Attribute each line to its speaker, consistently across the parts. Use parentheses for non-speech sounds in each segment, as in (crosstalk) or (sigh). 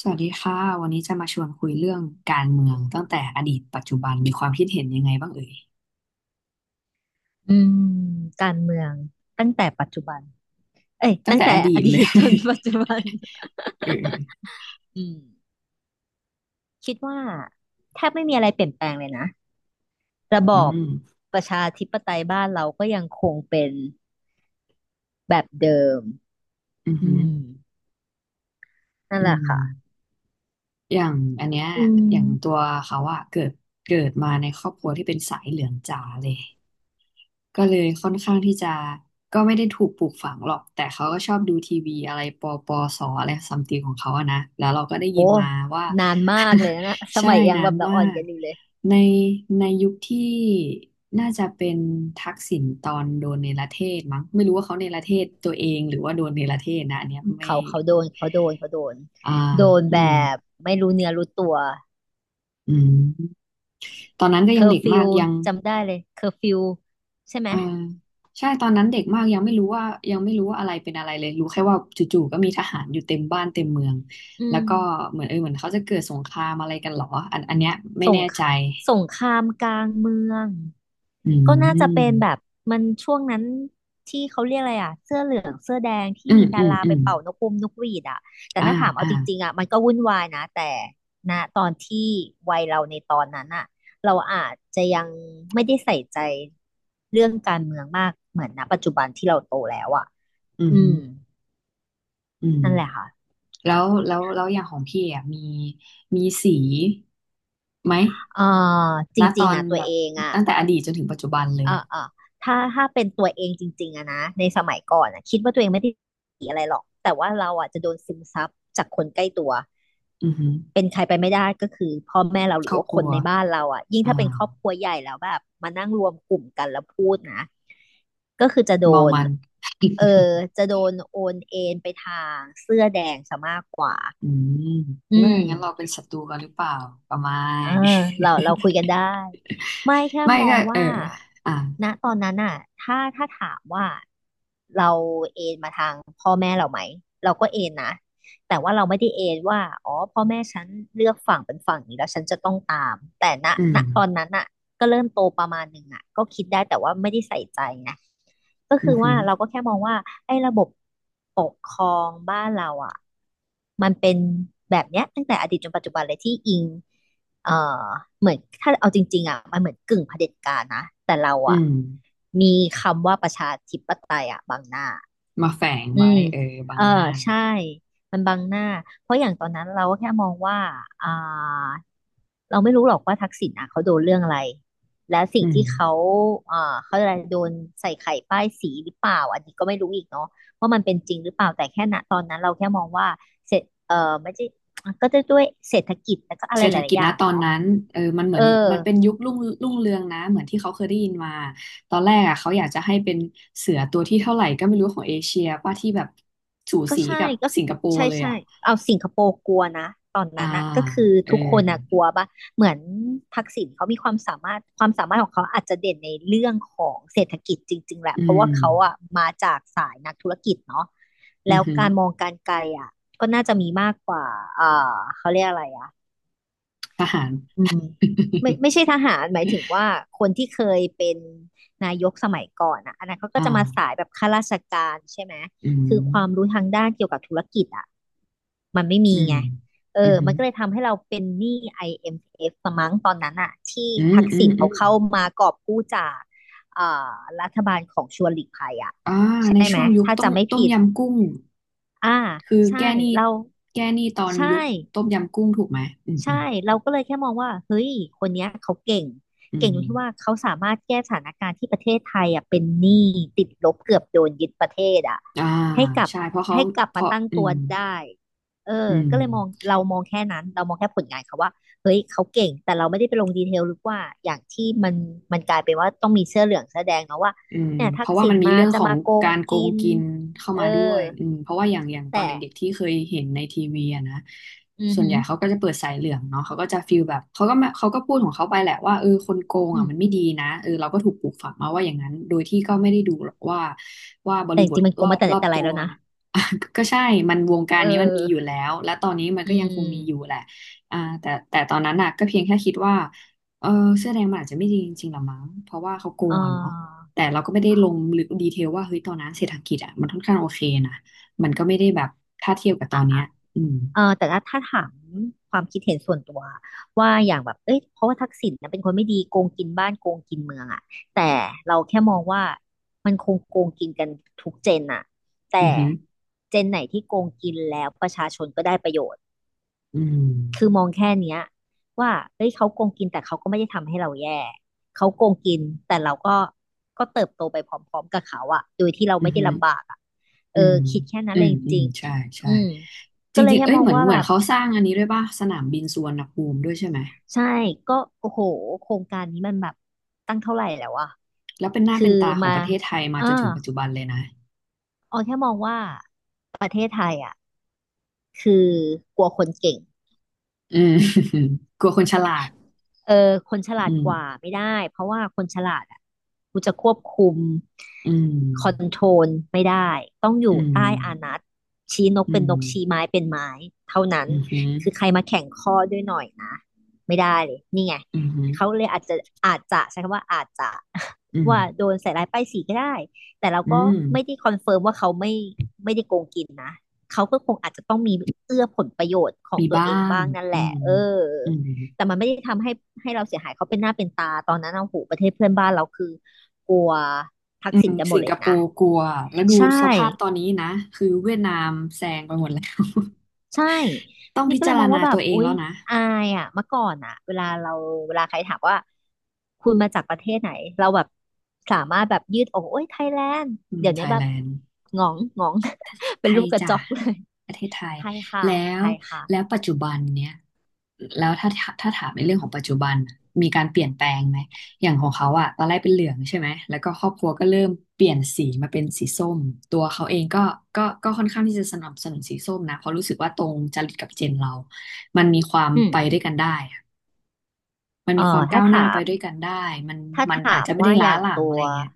Speaker 1: สวัสดีค่ะ วันนี้จะมาชวนคุยเรื่องการเมืองตั้งแต่อดีตปัจจุบันมีความคิดเห็นยังไงบ้างเอ่ย
Speaker 2: อืมการเมืองตั้งแต่ปัจจุบันเอ้ย
Speaker 1: ตั้ง
Speaker 2: ตั้ง
Speaker 1: แต่
Speaker 2: แต่
Speaker 1: อดี
Speaker 2: อ
Speaker 1: ต
Speaker 2: ดี
Speaker 1: เลย
Speaker 2: ตจนปัจจุบัน
Speaker 1: (laughs) เออ
Speaker 2: อืมคิดว่าแทบไม่มีอะไรเปลี่ยนแปลงเลยนะระบ
Speaker 1: อื
Speaker 2: อบ
Speaker 1: ม
Speaker 2: ประชาธิปไตยบ้านเราก็ยังคงเป็นแบบเดิม
Speaker 1: อือ
Speaker 2: อื
Speaker 1: หือ
Speaker 2: มนั่น
Speaker 1: อื
Speaker 2: แหละค่ะ
Speaker 1: มอย่างอันเนี้ย
Speaker 2: อื
Speaker 1: อย่างตั
Speaker 2: ม
Speaker 1: วเขาอะเกิดมาในครอบครัวที่เป็นสายเหลืองจ๋าเลย ก็เลยค่อนข้างที่จะก็ไม่ได้ถูกปลูกฝังหรอกแต่เขาก็ชอบดูทีวีอะไรปอปอสออะไรซัมติงของเขาอะนะแล้วเราก็ได้
Speaker 2: โอ้
Speaker 1: ยินมาว่า
Speaker 2: นานมากเลยนะส
Speaker 1: (laughs) ใช่
Speaker 2: มัยยัง
Speaker 1: นา
Speaker 2: แบ
Speaker 1: น
Speaker 2: บเรา
Speaker 1: มา
Speaker 2: อ่อน
Speaker 1: ก
Speaker 2: กันอยู่เลย
Speaker 1: ในในยุคที่น่าจะเป็นทักษิณตอนโดนเนรเทศมั้งไม่รู้ว่าเขาเนรเทศตัวเองหรือว่าโดนเนรเทศนะอันเนี้ยไม่
Speaker 2: เขาเขาโดนเขาโดนเขาโดน
Speaker 1: อ่า
Speaker 2: โดน
Speaker 1: อื
Speaker 2: แบ
Speaker 1: ม
Speaker 2: บไม่รู้เนื้อรู้ตัว
Speaker 1: อืมตอนนั้นก็
Speaker 2: เค
Speaker 1: ยั
Speaker 2: อ
Speaker 1: ง
Speaker 2: ร์
Speaker 1: เด็ก
Speaker 2: ฟิ
Speaker 1: มา
Speaker 2: ว
Speaker 1: กยัง
Speaker 2: จำได้เลยเคอร์ฟิวใช่ไหม
Speaker 1: อ่าใช่ตอนนั้นเด็กมากยังไม่รู้ว่าอะไรเป็นอะไรเลยรู้แค่ว่าจู่ๆก็มีทหารอยู่เต็มบ้านเต็มเมือง
Speaker 2: อื
Speaker 1: แล้ว
Speaker 2: ม
Speaker 1: ก็เหมือนเหมือนเขาจะเกิดสงครามอะไรกันเหรออันเนี้ยไม่
Speaker 2: สง
Speaker 1: แน่
Speaker 2: ค
Speaker 1: ใจ
Speaker 2: สงครามกลางเมือง
Speaker 1: อื
Speaker 2: ก็น่าจะเป็นแบบ
Speaker 1: ม
Speaker 2: มันช่วงนั้นที่เขาเรียกอะไรอ่ะเสื้อเหลืองเสื้อแดงที่
Speaker 1: อืม
Speaker 2: มี
Speaker 1: อื
Speaker 2: ดา
Speaker 1: ม
Speaker 2: รา
Speaker 1: อื
Speaker 2: ไป
Speaker 1: ม
Speaker 2: เป่านกปุมนกหวีดอ่ะแต่
Speaker 1: อ่า
Speaker 2: ถ้าถามเอา
Speaker 1: อ่า
Speaker 2: จริงๆอ่ะมันก็วุ่นวายนะแต่ณตอนที่วัยเราในตอนนั้นอ่ะเราอาจจะยังไม่ได้ใส่ใจเรื่องการเมืองมากเหมือนณปัจจุบันที่เราโตแล้วอ่ะ
Speaker 1: อืม
Speaker 2: อื
Speaker 1: ฮึ
Speaker 2: ม
Speaker 1: อืม
Speaker 2: นั่นแหละค่ะ
Speaker 1: แล้วอย่างของพี่อ่ะมีสีไหม
Speaker 2: เอ่อจ
Speaker 1: ณต
Speaker 2: ริง
Speaker 1: อ
Speaker 2: ๆ
Speaker 1: น
Speaker 2: อ่ะตั
Speaker 1: แบ
Speaker 2: ว
Speaker 1: บ
Speaker 2: เองอ่ะ
Speaker 1: ตั้งแต่อดีตจนถึงปัจจุบันเล
Speaker 2: เอ
Speaker 1: ย
Speaker 2: อเออถ้าเป็นตัวเองจริงๆอะนะในสมัยก่อนอะคิดว่าตัวเองไม่ได้ดีอะไรหรอกแต่ว่าเราอะจะโดนซึมซับจากคนใกล้ตัว
Speaker 1: อือหื
Speaker 2: เป็นใครไปไม่ได้ก็คือพ่อแม่เราห
Speaker 1: ค
Speaker 2: รื
Speaker 1: ร
Speaker 2: อ
Speaker 1: อบ
Speaker 2: ว่า
Speaker 1: ค
Speaker 2: ค
Speaker 1: รั
Speaker 2: น
Speaker 1: ว
Speaker 2: ในบ้านเราอะยิ่ง
Speaker 1: อ่า
Speaker 2: ถ้าเป็นครอบครัวใหญ่แล้วแบบมานั่งรวมกลุ่มกันแล้วพูดนะก็คือจะโด
Speaker 1: เมา
Speaker 2: น
Speaker 1: มัน
Speaker 2: เออจะโดนโอนเอ็นไปทางเสื้อแดงซะมากกว่า
Speaker 1: อืมเอ
Speaker 2: อื
Speaker 1: อ
Speaker 2: ม
Speaker 1: งั้นเราเป็นศัตรูกันหรือเปล่าประมา
Speaker 2: เออ
Speaker 1: ณ
Speaker 2: เราคุยกันได้ไม่แค่
Speaker 1: (laughs) ไม่
Speaker 2: มอ
Speaker 1: ก็
Speaker 2: ง
Speaker 1: เออ
Speaker 2: ว่า
Speaker 1: อ่ะ
Speaker 2: ณตอนนั้นน่ะถ้าถามว่าเราเอนมาทางพ่อแม่เราไหมเราก็เอนนะแต่ว่าเราไม่ได้เอนว่าอ๋อพ่อแม่ฉันเลือกฝั่งเป็นฝั่งนี้แล้วฉันจะต้องตามแต่
Speaker 1: อื
Speaker 2: ณ
Speaker 1: ม
Speaker 2: ตอนนั้นน่ะก็เริ่มโตประมาณหนึ่งอ่ะก็คิดได้แต่ว่าไม่ได้ใส่ใจไงก็
Speaker 1: อื
Speaker 2: คื
Speaker 1: อ
Speaker 2: อ
Speaker 1: หื
Speaker 2: ว่า
Speaker 1: อ
Speaker 2: เราก็แค่มองว่าไอ้ระบบปกครองบ้านเราอ่ะมันเป็นแบบเนี้ยตั้งแต่อดีตจนปัจจุบันเลยที่อิง เอ่อเหมือนถ้าเอาจริงๆอ่ะมันเหมือนกึ่งเผด็จการนะแต่เรา
Speaker 1: อื
Speaker 2: อ่ะ
Speaker 1: ม
Speaker 2: มีคำว่าประชาธิปไตยอ่ะบังหน้า
Speaker 1: มาแฝง
Speaker 2: อื
Speaker 1: ไว้
Speaker 2: ม
Speaker 1: เออบั
Speaker 2: เอ
Speaker 1: ง
Speaker 2: อ
Speaker 1: หน้า
Speaker 2: ใช่มันบังหน้าเพราะอย่างตอนนั้นเราก็แค่มองว่าอ่าเราไม่รู้หรอกว่าทักษิณอ่ะเขาโดนเรื่องอะไรและสิ่
Speaker 1: อื
Speaker 2: ง
Speaker 1: ม
Speaker 2: ที่เขาเขาอะไรโดนใส่ไข่ป้ายสีหรือเปล่าอันนี้ก็ไม่รู้อีกเนาะว่ามันเป็นจริงหรือเปล่าแต่แค่ณตอนนั้นเราแค่มองว่าเสร็จเออไม่ใช่ก็จะด้วยเศรษฐกิจแล้วก็อะไร
Speaker 1: เศรษ
Speaker 2: ห
Speaker 1: ฐ
Speaker 2: ลา
Speaker 1: กิ
Speaker 2: ย
Speaker 1: จ
Speaker 2: ๆอ
Speaker 1: นะ
Speaker 2: ย่าง
Speaker 1: ตอน
Speaker 2: เนาะ
Speaker 1: นั้นเออมันเห
Speaker 2: เอ
Speaker 1: มื
Speaker 2: อ
Speaker 1: อนมันเป็นยุครุ่งเรืองนะเหมือนที่เขาเคยได้ยินมาตอนแรกอ่ะเขาอยากจะให้เป็นเสือตัวที่เท่าไหร่ก็ไม่รู้ของเอเชียป่ะที่แบบสู
Speaker 2: ก็
Speaker 1: สี
Speaker 2: ใช่
Speaker 1: กับ
Speaker 2: ก็
Speaker 1: สิงคโปร์
Speaker 2: ใช่
Speaker 1: เลย
Speaker 2: ใช่
Speaker 1: อ่ะ
Speaker 2: เอาสิงคโปร์กลัวนะตอน
Speaker 1: อ่า
Speaker 2: นั้นอะก็คือ
Speaker 1: เออ
Speaker 2: ทุกคนอะกลัวปะเหมือนทักษิณเขามีความสามารถความสามารถของเขาอาจจะเด่นในเรื่องของเศรษฐกิจจริงๆแหละ
Speaker 1: อื
Speaker 2: เพราะว่า
Speaker 1: ม
Speaker 2: เขาอะมาจากสายนักธุรกิจเนาะ
Speaker 1: อื
Speaker 2: แล้
Speaker 1: อ
Speaker 2: ว
Speaker 1: หือ
Speaker 2: การมองการไกลอะก็น่าจะมีมากกว่าเออเขาเรียกอะไรอะ
Speaker 1: ทหาร
Speaker 2: อืมไม่ใช่
Speaker 1: (laughs)
Speaker 2: ทหารหมายถึงว่าคนที่เคยเป็นนายกสมัยก่อนอ่ะอันนั้นเขาก็
Speaker 1: อ่า
Speaker 2: จะมาสายแบบข้าราชการใช่ไหม
Speaker 1: อื
Speaker 2: คื
Speaker 1: ม
Speaker 2: อความรู้ทางด้านเกี่ยวกับธุรกิจอ่ะมันไม่
Speaker 1: อื
Speaker 2: มี
Speaker 1: ม
Speaker 2: ไงเอ
Speaker 1: อื
Speaker 2: อ
Speaker 1: ม
Speaker 2: มันก็เลยทำให้เราเป็นหนี้ IMF สมั้งตอนนั้นอ่ะที่
Speaker 1: อืม
Speaker 2: ทัก
Speaker 1: อื
Speaker 2: ษิ
Speaker 1: ม
Speaker 2: ณ
Speaker 1: อื
Speaker 2: เขา
Speaker 1: ม
Speaker 2: เข้ามากอบกู้จากเอ่อรัฐบาลของชวนหลีกภัยอ่ะ
Speaker 1: อ่าใน
Speaker 2: ใช่ไหม
Speaker 1: ช่วงยุค
Speaker 2: ถ้า
Speaker 1: ต้ม
Speaker 2: จำไม่
Speaker 1: ต้ม
Speaker 2: ผิด
Speaker 1: ยำกุ้ง
Speaker 2: อ่า
Speaker 1: คือ
Speaker 2: ใช่
Speaker 1: แก้หนี้
Speaker 2: เรา
Speaker 1: แก้หนี้ตอน
Speaker 2: ใช่
Speaker 1: ยุคต้มยำกุ้งถูกไหมอืมอืม
Speaker 2: ใช่ เราก็เลยแค่มองว่าเฮ้ยคนเนี้ยเขาเก่ง
Speaker 1: อื
Speaker 2: เก่ง
Speaker 1: ม
Speaker 2: ตรงที่ว่าเขาสามารถแก้สถานการณ์ที่ประเทศไทยอ่ะเป็นหนี้ติดลบเกือบโดนยึดประเทศอ่ะ
Speaker 1: อ่า
Speaker 2: ให้กลับ
Speaker 1: ใช่เพราะเขา
Speaker 2: ให้กลับ
Speaker 1: เพ
Speaker 2: มา
Speaker 1: ราะ
Speaker 2: ตั้ง
Speaker 1: อื
Speaker 2: ตัว
Speaker 1: ม
Speaker 2: ได้เออ
Speaker 1: อืม
Speaker 2: ก็เลยมองเรามองแค่นั้นเรามองแค่ผลงานเขาว่าเฮ้ยเขาเก่งแต่เราไม่ได้ไปลงดีเทลหรือว่าอย่างที่มันมันกลายเป็นว่าต้องมีเสื้อเหลืองเสื้อแดงเนาะว่า
Speaker 1: อืม
Speaker 2: เนี่ย
Speaker 1: เพ
Speaker 2: ทัก
Speaker 1: ราะว่า
Speaker 2: ษิ
Speaker 1: มั
Speaker 2: ณ
Speaker 1: นมี
Speaker 2: มา
Speaker 1: เรื่อง
Speaker 2: จะ
Speaker 1: ของ
Speaker 2: มาโกง
Speaker 1: การโก
Speaker 2: กิ
Speaker 1: ง
Speaker 2: น
Speaker 1: กินเข้า
Speaker 2: เอ
Speaker 1: มาด้ว
Speaker 2: อ
Speaker 1: ยอืมเพราะว่าอย่างตอน
Speaker 2: แต่
Speaker 1: เด็กๆที่เคยเห็นในทีวีอะนะ
Speaker 2: อือ
Speaker 1: ส่วน
Speaker 2: หื
Speaker 1: ให
Speaker 2: อ
Speaker 1: ญ่เขาก็จะเปิดสายเหลืองเนาะเขาก็จะฟีลแบบเขาก็มาเขาก็พูดของเขาไปแหละว่าเออคนโกง
Speaker 2: อื
Speaker 1: อ่ะ
Speaker 2: ม
Speaker 1: มันไม่ดีนะเออเราก็ถูกปลูกฝังมาว่าอย่างนั้นโดยที่ก็ไม่ได้ดูหรอกว่าว่าบ
Speaker 2: แต่
Speaker 1: ริ
Speaker 2: จ
Speaker 1: บท
Speaker 2: ริงๆมันโก
Speaker 1: ร
Speaker 2: ง
Speaker 1: อ
Speaker 2: มา
Speaker 1: บ
Speaker 2: แต่ไห
Speaker 1: ร
Speaker 2: น
Speaker 1: อบ
Speaker 2: แต่ไร
Speaker 1: ตัว
Speaker 2: แล้ว
Speaker 1: (laughs)
Speaker 2: นะ
Speaker 1: เนี่ย (laughs) ก็ใช่มันวงการ
Speaker 2: เอ
Speaker 1: นี้มันมีอยู่
Speaker 2: อ
Speaker 1: แล้วและตอนนี้มัน
Speaker 2: อื
Speaker 1: ก็ยังคงมีอยู่แห
Speaker 2: ม
Speaker 1: ละอ่าแต่ตอนนั้นน่ะก็เพียงแค่คิดว่าเออเสื้อแดงมันอาจจะไม่ดีจริงๆหรอมั้งเพราะว่าเขาโก
Speaker 2: เอ่
Speaker 1: งอ่ะเนาะ
Speaker 2: อ
Speaker 1: แต่เราก็ไม่ได้ลงลึกดีเทลว่าเฮ้ยตอนนั้นเศรษฐกิจอ่ะมันค่อนข้างโอเคนะมันก็ไม่ได้แบบถ้าเทียบกับตอ
Speaker 2: อ่ะ
Speaker 1: นเนี้ย
Speaker 2: อ่ะ
Speaker 1: อืม
Speaker 2: เออแต่ถ้าถามความคิดเห็นส่วนตัวว่าอย่างแบบเอ้ยเพราะว่าทักษิณนะเป็นคนไม่ดีโกงกินบ้านโกงกินเมืองอ่ะแต่เราแค่มองว่ามันคงโกงกินกันทุกเจนอ่ะ
Speaker 1: อื
Speaker 2: แต่
Speaker 1: อือ
Speaker 2: เจนไหนที่โกงกินแล้วประชาชนก็ได้ประโยชน์
Speaker 1: อื
Speaker 2: คือม
Speaker 1: ม
Speaker 2: องแค่เนี้ยว่าเอ้ยเขาโกงกินแต่เขาก็ไม่ได้ทำให้เราแย่ เขาโกงกินแต่เราก็ก็เติบโตไปพร้อมๆกับเขาอะโดยที่เรา
Speaker 1: อื
Speaker 2: ไม่ได้
Speaker 1: อือ
Speaker 2: ลำบากอะ เอ
Speaker 1: อื
Speaker 2: อ
Speaker 1: ม
Speaker 2: คิดแค่นั้
Speaker 1: อื
Speaker 2: นเลย
Speaker 1: ม
Speaker 2: จ
Speaker 1: อืม
Speaker 2: ริง
Speaker 1: ใช่
Speaker 2: ๆ
Speaker 1: ใช่
Speaker 2: อืม
Speaker 1: จ
Speaker 2: ก็เลย
Speaker 1: ริงๆ
Speaker 2: แค่
Speaker 1: เอ้ย
Speaker 2: มอง
Speaker 1: เหมือน
Speaker 2: ว่า
Speaker 1: เหมือ
Speaker 2: แบ
Speaker 1: น
Speaker 2: บ
Speaker 1: เขาสร้างอันนี้ด้วยป่ะสนามบินสุวรรณภูมิด้วยใช่ไหม
Speaker 2: ใช่ก็โอ้โหโครงการนี้มันแบบตั้งเท่าไหร่แล้วอะ
Speaker 1: แล้วเป็นหน้า
Speaker 2: คือ
Speaker 1: เป็นตาของ
Speaker 2: มา
Speaker 1: ประเทศไทยมา
Speaker 2: อ่า
Speaker 1: จนถึงปัจจุบันเลยนะ
Speaker 2: ออแค่มองว่าประเทศไทยอะคือกลัวคนเก่ง
Speaker 1: อืม (laughs) กลัวคนฉลาด
Speaker 2: เออคนฉลา
Speaker 1: อื
Speaker 2: ด
Speaker 1: ม
Speaker 2: กว่าไม่ได้เพราะว่าคนฉลาดอ่ะกูจะควบคุม
Speaker 1: อืม
Speaker 2: คอนโทรลไม่ได้ต้องอ
Speaker 1: อื
Speaker 2: ยู่
Speaker 1: ม
Speaker 2: ใต้อานัตชี้นก
Speaker 1: อื
Speaker 2: เป็น
Speaker 1: ม
Speaker 2: นกชี้ไม้เป็นไม้เท่านั้น
Speaker 1: อืมอหืม
Speaker 2: คือใครมาแข่งข้อด้วยหน่อยนะไม่ได้เลยนี่ไง
Speaker 1: ออืมอหืม
Speaker 2: เขาเลยอาจจะอาจจะใช้คำว่าอาจจะ
Speaker 1: ออื
Speaker 2: (laughs)
Speaker 1: ม
Speaker 2: ว่าโดนใส่ร้ายป้ายสีก็ได้แต่เรา
Speaker 1: อื
Speaker 2: ก็
Speaker 1: ม
Speaker 2: ไม่ได้คอนเฟิร์มว่าเขาไม่ไม่ได้โกงกินนะเขาก็คงอาจจะต้องมีเอื้อผลประโยชน์ของ
Speaker 1: มี
Speaker 2: ตัว
Speaker 1: บ้า
Speaker 2: เอง
Speaker 1: ง
Speaker 2: บ้างนั่น
Speaker 1: อื
Speaker 2: แหละ
Speaker 1: ม
Speaker 2: เออ
Speaker 1: อืม
Speaker 2: แต่มันไม่ได้ทำให้เราเสียหายเขาเป็นหน้าเป็นตาตอนนั้นเอาหูประเทศเพื่อนบ้านเราคือกลัวทั
Speaker 1: อื
Speaker 2: กษิ
Speaker 1: ม
Speaker 2: ณกันหม
Speaker 1: สิ
Speaker 2: ด
Speaker 1: ง
Speaker 2: เล
Speaker 1: ค
Speaker 2: ย
Speaker 1: โป
Speaker 2: นะ
Speaker 1: ร์กลัว แล้วดู
Speaker 2: ใช่
Speaker 1: สภาพตอนนี้นะ คือเวียดนามแซงไปหมดแล้ว
Speaker 2: ใช่
Speaker 1: (laughs) ต้อง
Speaker 2: นี่
Speaker 1: พิ
Speaker 2: ก็เล
Speaker 1: จา
Speaker 2: ย
Speaker 1: ร
Speaker 2: มอง
Speaker 1: ณา
Speaker 2: ว่าแบ
Speaker 1: ตั
Speaker 2: บ
Speaker 1: วเอง
Speaker 2: อุ๊ย
Speaker 1: แล้วนะ
Speaker 2: อายอ่ะเมื่อก่อนอ่ะเวลาเราเวลาใครถามว่าคุณมาจากประเทศไหนเราแบบสามารถแบบยืดอกโอ้ยไทยแลนด์
Speaker 1: อืม
Speaker 2: เดี๋ยว
Speaker 1: ไท
Speaker 2: นี้
Speaker 1: ย
Speaker 2: แบ
Speaker 1: แล
Speaker 2: บ
Speaker 1: นด์
Speaker 2: หงองหงอง (laughs)
Speaker 1: ไท
Speaker 2: เป็นรู
Speaker 1: ย
Speaker 2: ปกระ
Speaker 1: จ้ะ
Speaker 2: จอกเลย
Speaker 1: ประเทศไทย
Speaker 2: ไทยค่ะ
Speaker 1: แล้
Speaker 2: ไท
Speaker 1: ว
Speaker 2: ย
Speaker 1: แล้ว
Speaker 2: ค่ะ
Speaker 1: ปัจจุบันเนี้ยแล้วถ้าถ้าถามในเรื่องของปัจจุบันน่ะมีการเปลี่ยนแปลงไหมอย่างของเขาอะตอนแรกเป็นเหลืองใช่ไหมแล้วก็ครอบครัวก็เริ่มเปลี่ยนสีมาเป็นสีส้มตัวเขาเองก็ค่อนข้างที่จะสนับสนุนสีส้มนะเพราะรู้สึกว่าตรงจริตกับเจนเรา มันมีความ
Speaker 2: อืม
Speaker 1: ไปด้วยกันได้อะมัน
Speaker 2: เอ่
Speaker 1: มีควา
Speaker 2: อ
Speaker 1: ม
Speaker 2: ถ้า
Speaker 1: ก้าวหน้า
Speaker 2: ถา
Speaker 1: ไป
Speaker 2: ม
Speaker 1: ด้วยกันได้มัน
Speaker 2: ถ้าถ
Speaker 1: มันอา
Speaker 2: า
Speaker 1: จ
Speaker 2: ม
Speaker 1: จะไม่
Speaker 2: ว่า
Speaker 1: ได้
Speaker 2: อ
Speaker 1: ล้า
Speaker 2: ย่าง
Speaker 1: หลัง
Speaker 2: ตั
Speaker 1: อะ
Speaker 2: ว
Speaker 1: ไรอย่างเงี้ย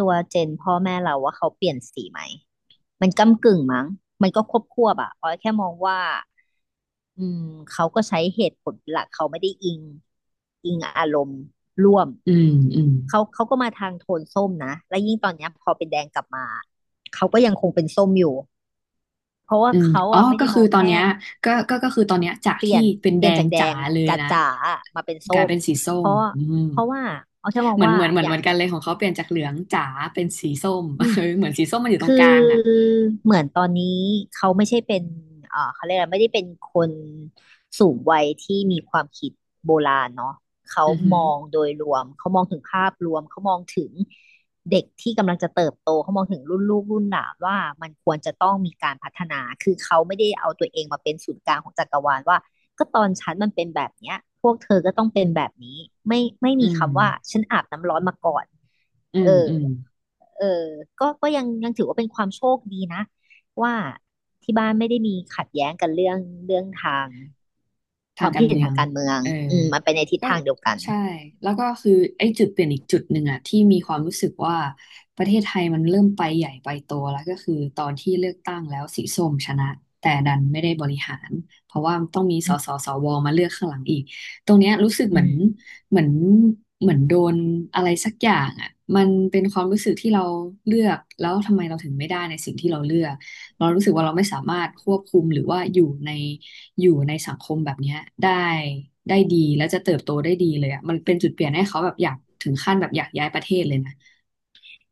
Speaker 2: เจนพ่อแม่เราว่าเขาเปลี่ยนสีไหมมันก้ำกึ่งมั้งมันก็ควบควบอะออยแค่มองว่าอืมเขาก็ใช้เหตุผลเป็นหลักเขาไม่ได้อิงอารมณ์ร่วม
Speaker 1: อืมอืม
Speaker 2: เขาก็มาทางโทนส้มนะและยิ่งตอนเนี้ยพอเป็นแดงกลับมาเขาก็ยังคงเป็นส้มอยู่เพราะว่า
Speaker 1: อืม
Speaker 2: เขา
Speaker 1: อ๋อ
Speaker 2: อะไม่
Speaker 1: ก็
Speaker 2: ได้ม
Speaker 1: คือ
Speaker 2: อง
Speaker 1: ตอน
Speaker 2: แค่
Speaker 1: เนี้ยก็คือตอนเนี้ยจาก
Speaker 2: เปลี่
Speaker 1: ที่
Speaker 2: ยน
Speaker 1: เป็นแดง
Speaker 2: จากแด
Speaker 1: จ๋า
Speaker 2: ง
Speaker 1: เลยนะ
Speaker 2: จ๋าๆอะมาเป็น
Speaker 1: ก
Speaker 2: ส้
Speaker 1: ลาย
Speaker 2: ม
Speaker 1: เป็นสีส้
Speaker 2: เพ
Speaker 1: ม
Speaker 2: ราะ
Speaker 1: อืม
Speaker 2: ว่าเอาแค่มอง
Speaker 1: เหมือน
Speaker 2: ว่า
Speaker 1: เหมือนเหมือ
Speaker 2: อ
Speaker 1: นเห
Speaker 2: ย่า
Speaker 1: มื
Speaker 2: ง
Speaker 1: อนกันเลยของเขาเปลี่ยนจากเหลืองจ๋าเป็นสีส้ม
Speaker 2: อื
Speaker 1: (laughs)
Speaker 2: ม
Speaker 1: เออเหมือนสีส้มมันอยู่ตร
Speaker 2: คื
Speaker 1: งก
Speaker 2: อ
Speaker 1: ลางอ่ะ
Speaker 2: เหมือนตอนนี้เขาไม่ใช่เป็นเขาเรียกอะไรไม่ได้เป็นคนสูงวัยที่มีความคิดโบราณเนาะเขา
Speaker 1: อือหื
Speaker 2: ม
Speaker 1: อ
Speaker 2: องโดยรวมเขามองถึงภาพรวมเขามองถึงเด็กที่กำลังจะเติบโตเขามองถึงรุ่นลูกรุ่นหลานว่ามันควรจะต้องมีการพัฒนาคือเขาไม่ได้เอาตัวเองมาเป็นศูนย์กลางของจักรวาลว่าก็ตอนฉันมันเป็นแบบเนี้ยพวกเธอก็ต้องเป็นแบบนี้ไม่
Speaker 1: อื
Speaker 2: มี
Speaker 1: ม
Speaker 2: คำว่าฉันอาบน้ำร้อนมาก่อน
Speaker 1: อื
Speaker 2: เอ
Speaker 1: ม
Speaker 2: อ
Speaker 1: อืม
Speaker 2: เออก็ยังถือว่าเป็นความโชคดีนะ ว่าที่บ้านไม่ได้มีขัดแย้งกันเรื่องทาง ค
Speaker 1: ทา
Speaker 2: วา
Speaker 1: ง
Speaker 2: ม
Speaker 1: กา
Speaker 2: คิ
Speaker 1: ร
Speaker 2: ดเห็น
Speaker 1: เมือ
Speaker 2: ทา
Speaker 1: ง
Speaker 2: งการเมือง
Speaker 1: เออ
Speaker 2: อืมมันไปในทิศ
Speaker 1: ก็
Speaker 2: ทางเดียวกัน
Speaker 1: ใช่แล้วก็คือไอ้จุดเปลี่ยนอีกจุดหนึ่งอะที่มีความรู้สึกว่าประเทศไทยมันเริ่มไปใหญ่ไปโตแล้วก็คือตอนที่เลือกตั้งแล้วสีส้มชนะแต่ดันไม่ได้บริหารเพราะว่าต้องมีส
Speaker 2: อืม
Speaker 1: สสวมาเลือกข้างหลังอีกตรงเนี้ยรู้สึกเห
Speaker 2: อื
Speaker 1: มือน
Speaker 2: ม
Speaker 1: เหมือนเหมือนโดนอะไรสักอย่างอะมันเป็นความรู้สึกที่เราเลือกแล้วทำไมเราถึงไม่ได้ในสิ่งที่เราเลือกเรารู้สึกว่าเราไม่สามารถควบคุมหรือว่าอยู่ใน สังคมแบบเนี้ยได้ได้ดีแล้วจะเติบโตได้ดีเลยอ่ะมันเป็นจุดเปลี่ยนให้เขาแบบอยากถึงขั้นแบบอยากย้ายประเทศเลยนะ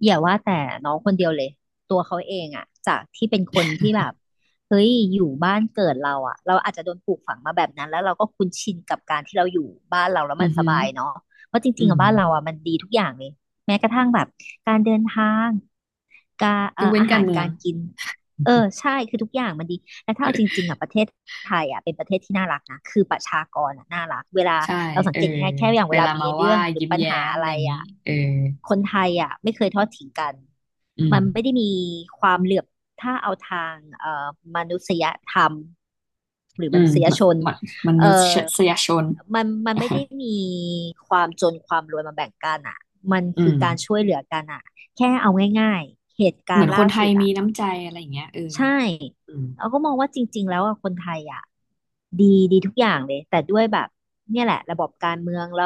Speaker 2: อย่าว่าแต่น้องคนเดียวเลยตัวเขาเองอะจากที่เป็นคนที่แบบเฮ้ยอยู่บ้านเกิดเราอะเราอาจจะโดนปลูกฝังมาแบบนั้นแล้วเราก็คุ้นชินกับการที่เราอยู่บ้านเราแล้ว
Speaker 1: อื
Speaker 2: มัน
Speaker 1: อ
Speaker 2: ส
Speaker 1: หือ
Speaker 2: บายเนาะเพราะจ
Speaker 1: อื
Speaker 2: ริงๆ
Speaker 1: ม
Speaker 2: อะบ้านเราอะมันดีทุกอย่างเลยแม้กระทั่งแบบการเดินทางการ
Speaker 1: ยกเว้น
Speaker 2: อา
Speaker 1: กา
Speaker 2: หา
Speaker 1: ร
Speaker 2: ร
Speaker 1: เมือ
Speaker 2: กา
Speaker 1: ง
Speaker 2: รกินเออใช่คือทุกอย่างมันดี และถ้าเอาจริงๆอ่ะประเทศไทยอ่ะเป็นประเทศที่น่ารักนะคือประชากรอ่ะน่ารักเวลา
Speaker 1: ใช่
Speaker 2: เราสั
Speaker 1: เอ
Speaker 2: ง
Speaker 1: อ
Speaker 2: เกตง่ายๆแค่อย่าง
Speaker 1: ไป
Speaker 2: เวลา
Speaker 1: ลา
Speaker 2: มี
Speaker 1: มา
Speaker 2: เรื่
Speaker 1: ว่า
Speaker 2: องหรือ
Speaker 1: ยิ้ม
Speaker 2: ปัญ
Speaker 1: แย้
Speaker 2: หา
Speaker 1: ม
Speaker 2: อะ
Speaker 1: อะไร
Speaker 2: ไร
Speaker 1: อย่างนี้
Speaker 2: อ่ะ
Speaker 1: เออ
Speaker 2: คนไทยอ่ะไม่เคยทอดทิ้งกัน
Speaker 1: อืม
Speaker 2: มันไม่ได้มีความเหลื่อมถ้าเอาทางเอ่อมนุษยธรรมหรือ
Speaker 1: อื
Speaker 2: ม
Speaker 1: ม
Speaker 2: นุษย
Speaker 1: มะ
Speaker 2: ชน
Speaker 1: มะมนุ
Speaker 2: เอ่อ
Speaker 1: ษยชน
Speaker 2: มัน
Speaker 1: (laughs)
Speaker 2: ไม่ได้มีความจนความรวยมาแบ่งกันอ่ะมัน
Speaker 1: อื
Speaker 2: คือ
Speaker 1: ม
Speaker 2: การช่วยเหลือกันอ่ะแค่เอาง่ายๆเหตุกา
Speaker 1: เห
Speaker 2: ร
Speaker 1: มือน
Speaker 2: ณ์
Speaker 1: ค
Speaker 2: ล่า
Speaker 1: นไท
Speaker 2: สุ
Speaker 1: ย
Speaker 2: ดอ่ะ
Speaker 1: มีน้ำใจอะไรอย่างเงี้ยเออ
Speaker 2: ใช่
Speaker 1: อืม
Speaker 2: เราก็มองว่าจริงๆแล้วอะคนไทยอะดีทุกอย่างเลยแต่ด้วยแบบเนี่ยแหละระบบการเมืองระ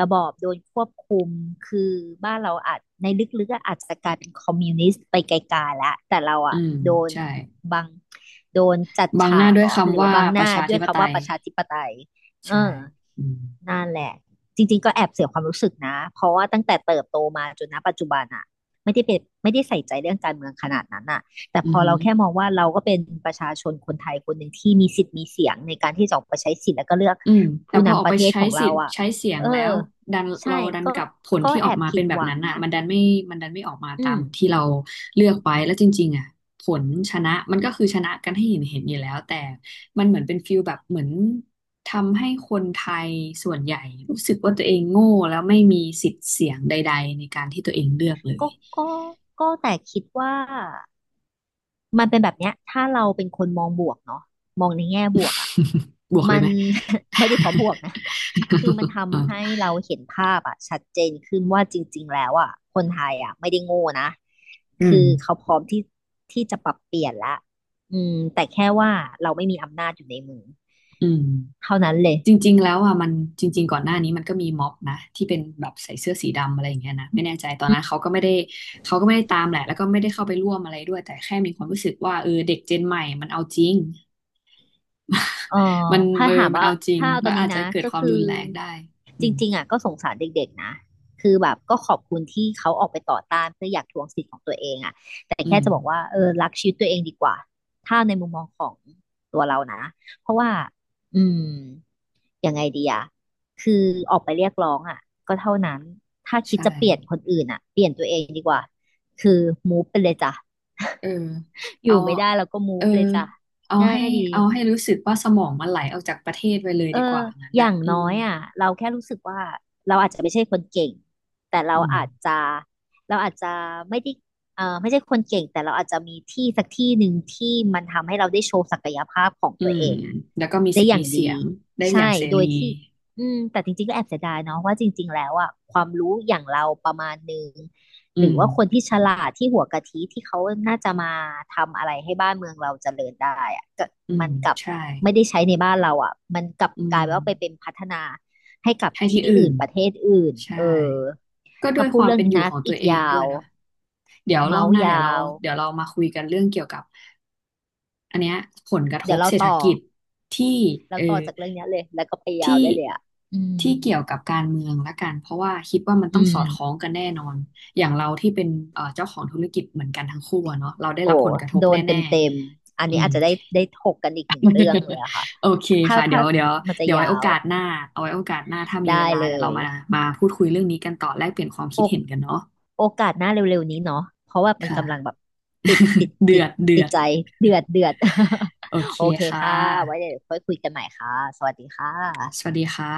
Speaker 2: บอบโดนควบคุมคือบ้านเราอาจในลึกๆอะอาจจะกลายเป็นคอมมิวนิสต์ไปไกลๆแล้วแต่เรา
Speaker 1: อื
Speaker 2: อะ
Speaker 1: ม
Speaker 2: โดน
Speaker 1: ใช่
Speaker 2: บังโดนจัด
Speaker 1: บังห
Speaker 2: ฉา
Speaker 1: น้า
Speaker 2: ก
Speaker 1: ด้ว
Speaker 2: เหร
Speaker 1: ย
Speaker 2: อหรื
Speaker 1: คำ
Speaker 2: อว่า
Speaker 1: ว่า
Speaker 2: บังห
Speaker 1: ประ
Speaker 2: น้า
Speaker 1: ชา
Speaker 2: ด้ว
Speaker 1: ธิ
Speaker 2: ย
Speaker 1: ปไต
Speaker 2: คำว่า
Speaker 1: ย
Speaker 2: ประชาธิปไตยเออ
Speaker 1: ใช่อืม
Speaker 2: นั่นแหละจริงๆก็แอบเสียความรู้สึกนะเพราะว่าตั้งแต่เติบโตมาจนณปัจจุบันอะไม่ได้เป็นไม่ได้ใส่ใจเรื่องการเมืองขนาดนั้นอะแต่พ
Speaker 1: อือ
Speaker 2: อ
Speaker 1: หื
Speaker 2: เรา
Speaker 1: อ
Speaker 2: แค่มองว่าเราก็เป็นประชาชนคนไทยคนหนึ่งที่มีสิทธิ์มีเสียงในการที่จะออกไปใช้สิทธิ์แล้วก็เลือก
Speaker 1: อืมแต่
Speaker 2: ผู้
Speaker 1: พอออ
Speaker 2: นำป
Speaker 1: กไป
Speaker 2: ระเทศ
Speaker 1: ใช้
Speaker 2: ของ
Speaker 1: สิ
Speaker 2: เรา
Speaker 1: ทธิ์
Speaker 2: อะ
Speaker 1: ใช้เสียง
Speaker 2: เอ
Speaker 1: แล้
Speaker 2: อ
Speaker 1: วดันเรา
Speaker 2: ใช่
Speaker 1: ดัน
Speaker 2: ก็
Speaker 1: กับผลที่อ
Speaker 2: แอ
Speaker 1: อก
Speaker 2: บ
Speaker 1: มา
Speaker 2: ผิ
Speaker 1: เป็
Speaker 2: ด
Speaker 1: นแบ
Speaker 2: ห
Speaker 1: บ
Speaker 2: วั
Speaker 1: นั้
Speaker 2: ง
Speaker 1: นอ่ะ
Speaker 2: นะ
Speaker 1: มันดันไม่ออกมา
Speaker 2: อื
Speaker 1: ตา
Speaker 2: ม
Speaker 1: มที่เราเลือกไว้แล้วจริงๆอ่ะผลชนะมันก็คือชนะกันให้เห็นเห็นอยู่แล้วแต่มันเหมือนเป็นฟิลแบบเหมือนทำให้คนไทยส่วนใหญ่รู้สึกว่าตัวเองโง่แล้วไม่มีสิทธิ์เสียงใดๆในการที่ตัวเองเลือกเลย
Speaker 2: ก็ก็แต่คิดว่า มันเป็นแบบเนี้ยถ้าเราเป็นคนมองบวกเนาะมองในแง่บวกอ่ะ
Speaker 1: (laughs) บวกเล
Speaker 2: มั
Speaker 1: ย
Speaker 2: น
Speaker 1: ไหม
Speaker 2: (laughs) ไม่ได้เพราะบวกนะคือมันทำให้
Speaker 1: (laughs)
Speaker 2: เราเห็นภาพอ่ะชัดเจนขึ้นว่าจริงๆแล้วอ่ะคนไทยอ่ะไม่ได้โง่นะ
Speaker 1: อืม
Speaker 2: คือเขาพร้อมที่จะปรับเปลี่ยนละอืมแต่แค่ว่าเราไม่มีอำนาจอยู่ในมือ
Speaker 1: อืม
Speaker 2: เท่านั้นเลย
Speaker 1: จริงๆแล้วอ่ะมันจริงๆก่อนหน้านี้มันก็มีม็อบนะที่เป็นแบบใส่เสื้อสีดำอะไรอย่างเงี้ยนะไม่แน่ใจตอนนั้นเขาก็ไม่ได้ตามแหละแล้วก็ไม่ได้เข้าไปร่วมอะไรด้วยแต่แค่มีความรู้สึกว่าเออเด็กเจนใหม่มันเอาจริง
Speaker 2: เออ
Speaker 1: มัน
Speaker 2: ถ้าถาม
Speaker 1: มัน
Speaker 2: ว่า
Speaker 1: เอาจริง
Speaker 2: ถ้าเอาต
Speaker 1: แล้
Speaker 2: อ
Speaker 1: ว
Speaker 2: นนี้
Speaker 1: อาจจะ
Speaker 2: นะ
Speaker 1: เกิด
Speaker 2: ก็
Speaker 1: ความ
Speaker 2: คือ
Speaker 1: รุนแรงได้อื
Speaker 2: จ
Speaker 1: ม
Speaker 2: ริงๆอ่ะก็สงสารเด็กๆนะ คือแบบก็ขอบคุณที่เขาออกไปต่อต้านเพื่ออยากทวงสิทธิ์ของตัวเองอ่ะแต่
Speaker 1: อื
Speaker 2: แค่
Speaker 1: ม
Speaker 2: จะบอกว่าเออรักชีวิตตัวเองดีกว่า ถ้าในมุมมองของตัวเรานะเพราะว่าอืมยังไงดีอ่ะคือออกไปเรียกร้องอ่ะก็เท่านั้น ถ้าคิด
Speaker 1: ใช่
Speaker 2: จะเปลี่ยนคนอื่นอ่ะเปลี่ยนตัวเองดีกว่าคือมูฟไปเลยจ้ะ
Speaker 1: เออ
Speaker 2: (laughs) อ
Speaker 1: เอา
Speaker 2: ยู่ไม่ได้แล้วก็มู
Speaker 1: เอ
Speaker 2: ฟ
Speaker 1: อ
Speaker 2: เลยจ้ะ
Speaker 1: เอา
Speaker 2: ง่า
Speaker 1: ให้
Speaker 2: ยดี
Speaker 1: เอาให้รู้สึกว่าสมองมันไหลออกจากประเทศไปเลย
Speaker 2: เอ
Speaker 1: ดีก
Speaker 2: อ
Speaker 1: ว่างั้น
Speaker 2: อ
Speaker 1: น่ะ
Speaker 2: ย่าง
Speaker 1: อื
Speaker 2: น้
Speaker 1: ม
Speaker 2: อยอ่ะเราแค่รู้สึกว่าเราอาจจะไม่ใช่คนเก่ง แต่เรา
Speaker 1: อืม
Speaker 2: อาจจะเราอาจจะไม่ได้เออไม่ใช่คนเก่งแต่เราอาจจะมีที่สักที่หนึ่งที่มันทำให้เราได้โชว์ศักยภาพของ
Speaker 1: อื
Speaker 2: ตัว
Speaker 1: ม
Speaker 2: เองอ่ะ
Speaker 1: แล้วก็มี
Speaker 2: ได้
Speaker 1: สิท
Speaker 2: อ
Speaker 1: ธิ์
Speaker 2: ย่า
Speaker 1: มี
Speaker 2: ง
Speaker 1: เสี
Speaker 2: ดี
Speaker 1: ยงได้อย่า
Speaker 2: ใช่
Speaker 1: งเส
Speaker 2: โด
Speaker 1: รี
Speaker 2: ยที่ อืมแต่จริงๆก็แอบเสียดายเนาะว่าจริงๆแล้วอ่ะความรู้อย่างเราประมาณหนึ่ง
Speaker 1: อื
Speaker 2: หรื
Speaker 1: ม
Speaker 2: อว่าคนที่ฉลาดที่หัวกะทิที่เขาน่าจะมาทำอะไรให้บ้านเมืองเราเจริญได้อะก็
Speaker 1: อืม
Speaker 2: มันกลับ
Speaker 1: ใช่
Speaker 2: ไม่ได้ใช้ในบ้านเราอ่ะมันกลับ
Speaker 1: อื
Speaker 2: กลายว่าไปเป็น
Speaker 1: ม
Speaker 2: พัฒนาให้กับ
Speaker 1: ให้ที่
Speaker 2: ที่
Speaker 1: อื่
Speaker 2: อื่
Speaker 1: น
Speaker 2: นประเทศอื่นเอ
Speaker 1: ใช่
Speaker 2: อ
Speaker 1: ก็ด้
Speaker 2: ถ้า
Speaker 1: วย
Speaker 2: พู
Speaker 1: ค
Speaker 2: ด
Speaker 1: วาม
Speaker 2: เรื่อง
Speaker 1: เป็น
Speaker 2: นี้
Speaker 1: อยู่
Speaker 2: นะ
Speaker 1: ของตั
Speaker 2: อี
Speaker 1: ว
Speaker 2: ก
Speaker 1: เอง
Speaker 2: ยา
Speaker 1: ด้วย
Speaker 2: ว
Speaker 1: เนาะเดี๋ยวร
Speaker 2: เมา
Speaker 1: อบ
Speaker 2: ส์
Speaker 1: หน้าเดี๋ยว
Speaker 2: ยา
Speaker 1: เรา
Speaker 2: ว
Speaker 1: เดี๋ยวเรามาคุยกันเรื่องเกี่ยวกับอันเนี้ยผลกระท
Speaker 2: เดี๋ย
Speaker 1: บ
Speaker 2: วเรา
Speaker 1: เศรษฐ
Speaker 2: ต่อ
Speaker 1: กิจที่
Speaker 2: เรา
Speaker 1: เออ
Speaker 2: ต่อจากเรื่องเนี้ยเลยแล้วก็ไปยาว
Speaker 1: ที่
Speaker 2: ได้เลยอ่ะอืม
Speaker 1: เกี่ยวกับการเมืองละกันเพราะว่าคิดว่ามันต้อ
Speaker 2: อื
Speaker 1: งสอดคล้อง
Speaker 2: ม
Speaker 1: กันแน่นอนอย่างเราที่เป็นเจ้าของธุรกิจเหมือนกันทั้งคู่อะเนาะเราได้
Speaker 2: โอ้
Speaker 1: รับผลกระทบ
Speaker 2: โดน
Speaker 1: แน่
Speaker 2: เต็มๆ อัน
Speaker 1: ๆอื
Speaker 2: นี้
Speaker 1: ม
Speaker 2: อาจจะได้ถกกันอีกหนึ่งเรื่องเลยอะค่ะ
Speaker 1: (laughs) โอเค
Speaker 2: ถ้า
Speaker 1: ค่ะเดี๋
Speaker 2: ถ้า
Speaker 1: ยวเดี๋ยว
Speaker 2: มันจะ
Speaker 1: เดี๋ยว
Speaker 2: ยา
Speaker 1: ไว้โอ
Speaker 2: ว
Speaker 1: กาสหน้าเอาไว้โอกาสหน้าถ้ามีเว
Speaker 2: ได้
Speaker 1: ลา
Speaker 2: เล
Speaker 1: เดี๋ยวเรา
Speaker 2: ย
Speaker 1: มาพูดคุยเรื่องนี้กันต่อแลกเปลี่ยนความ
Speaker 2: โอ
Speaker 1: คิดเห็นกันเนาะ
Speaker 2: โอกาสหน้าเร็วๆนี้เนาะเพราะว่า
Speaker 1: ค
Speaker 2: มันกำลังแบ
Speaker 1: ่ะ
Speaker 2: บติดติด
Speaker 1: เดื
Speaker 2: ติ
Speaker 1: อ
Speaker 2: ด
Speaker 1: ดเดื
Speaker 2: ติ
Speaker 1: อ
Speaker 2: ด
Speaker 1: ด
Speaker 2: ใจเดือดเดือด
Speaker 1: โอ
Speaker 2: (laughs)
Speaker 1: เค
Speaker 2: โอเค
Speaker 1: ค่
Speaker 2: ค่ะ ไว้
Speaker 1: ะ
Speaker 2: เดี๋ยวค่อยคุยกันใหม่ค่ะ สวัสดีค่
Speaker 1: สวัส
Speaker 2: ะ
Speaker 1: ดีค่ะ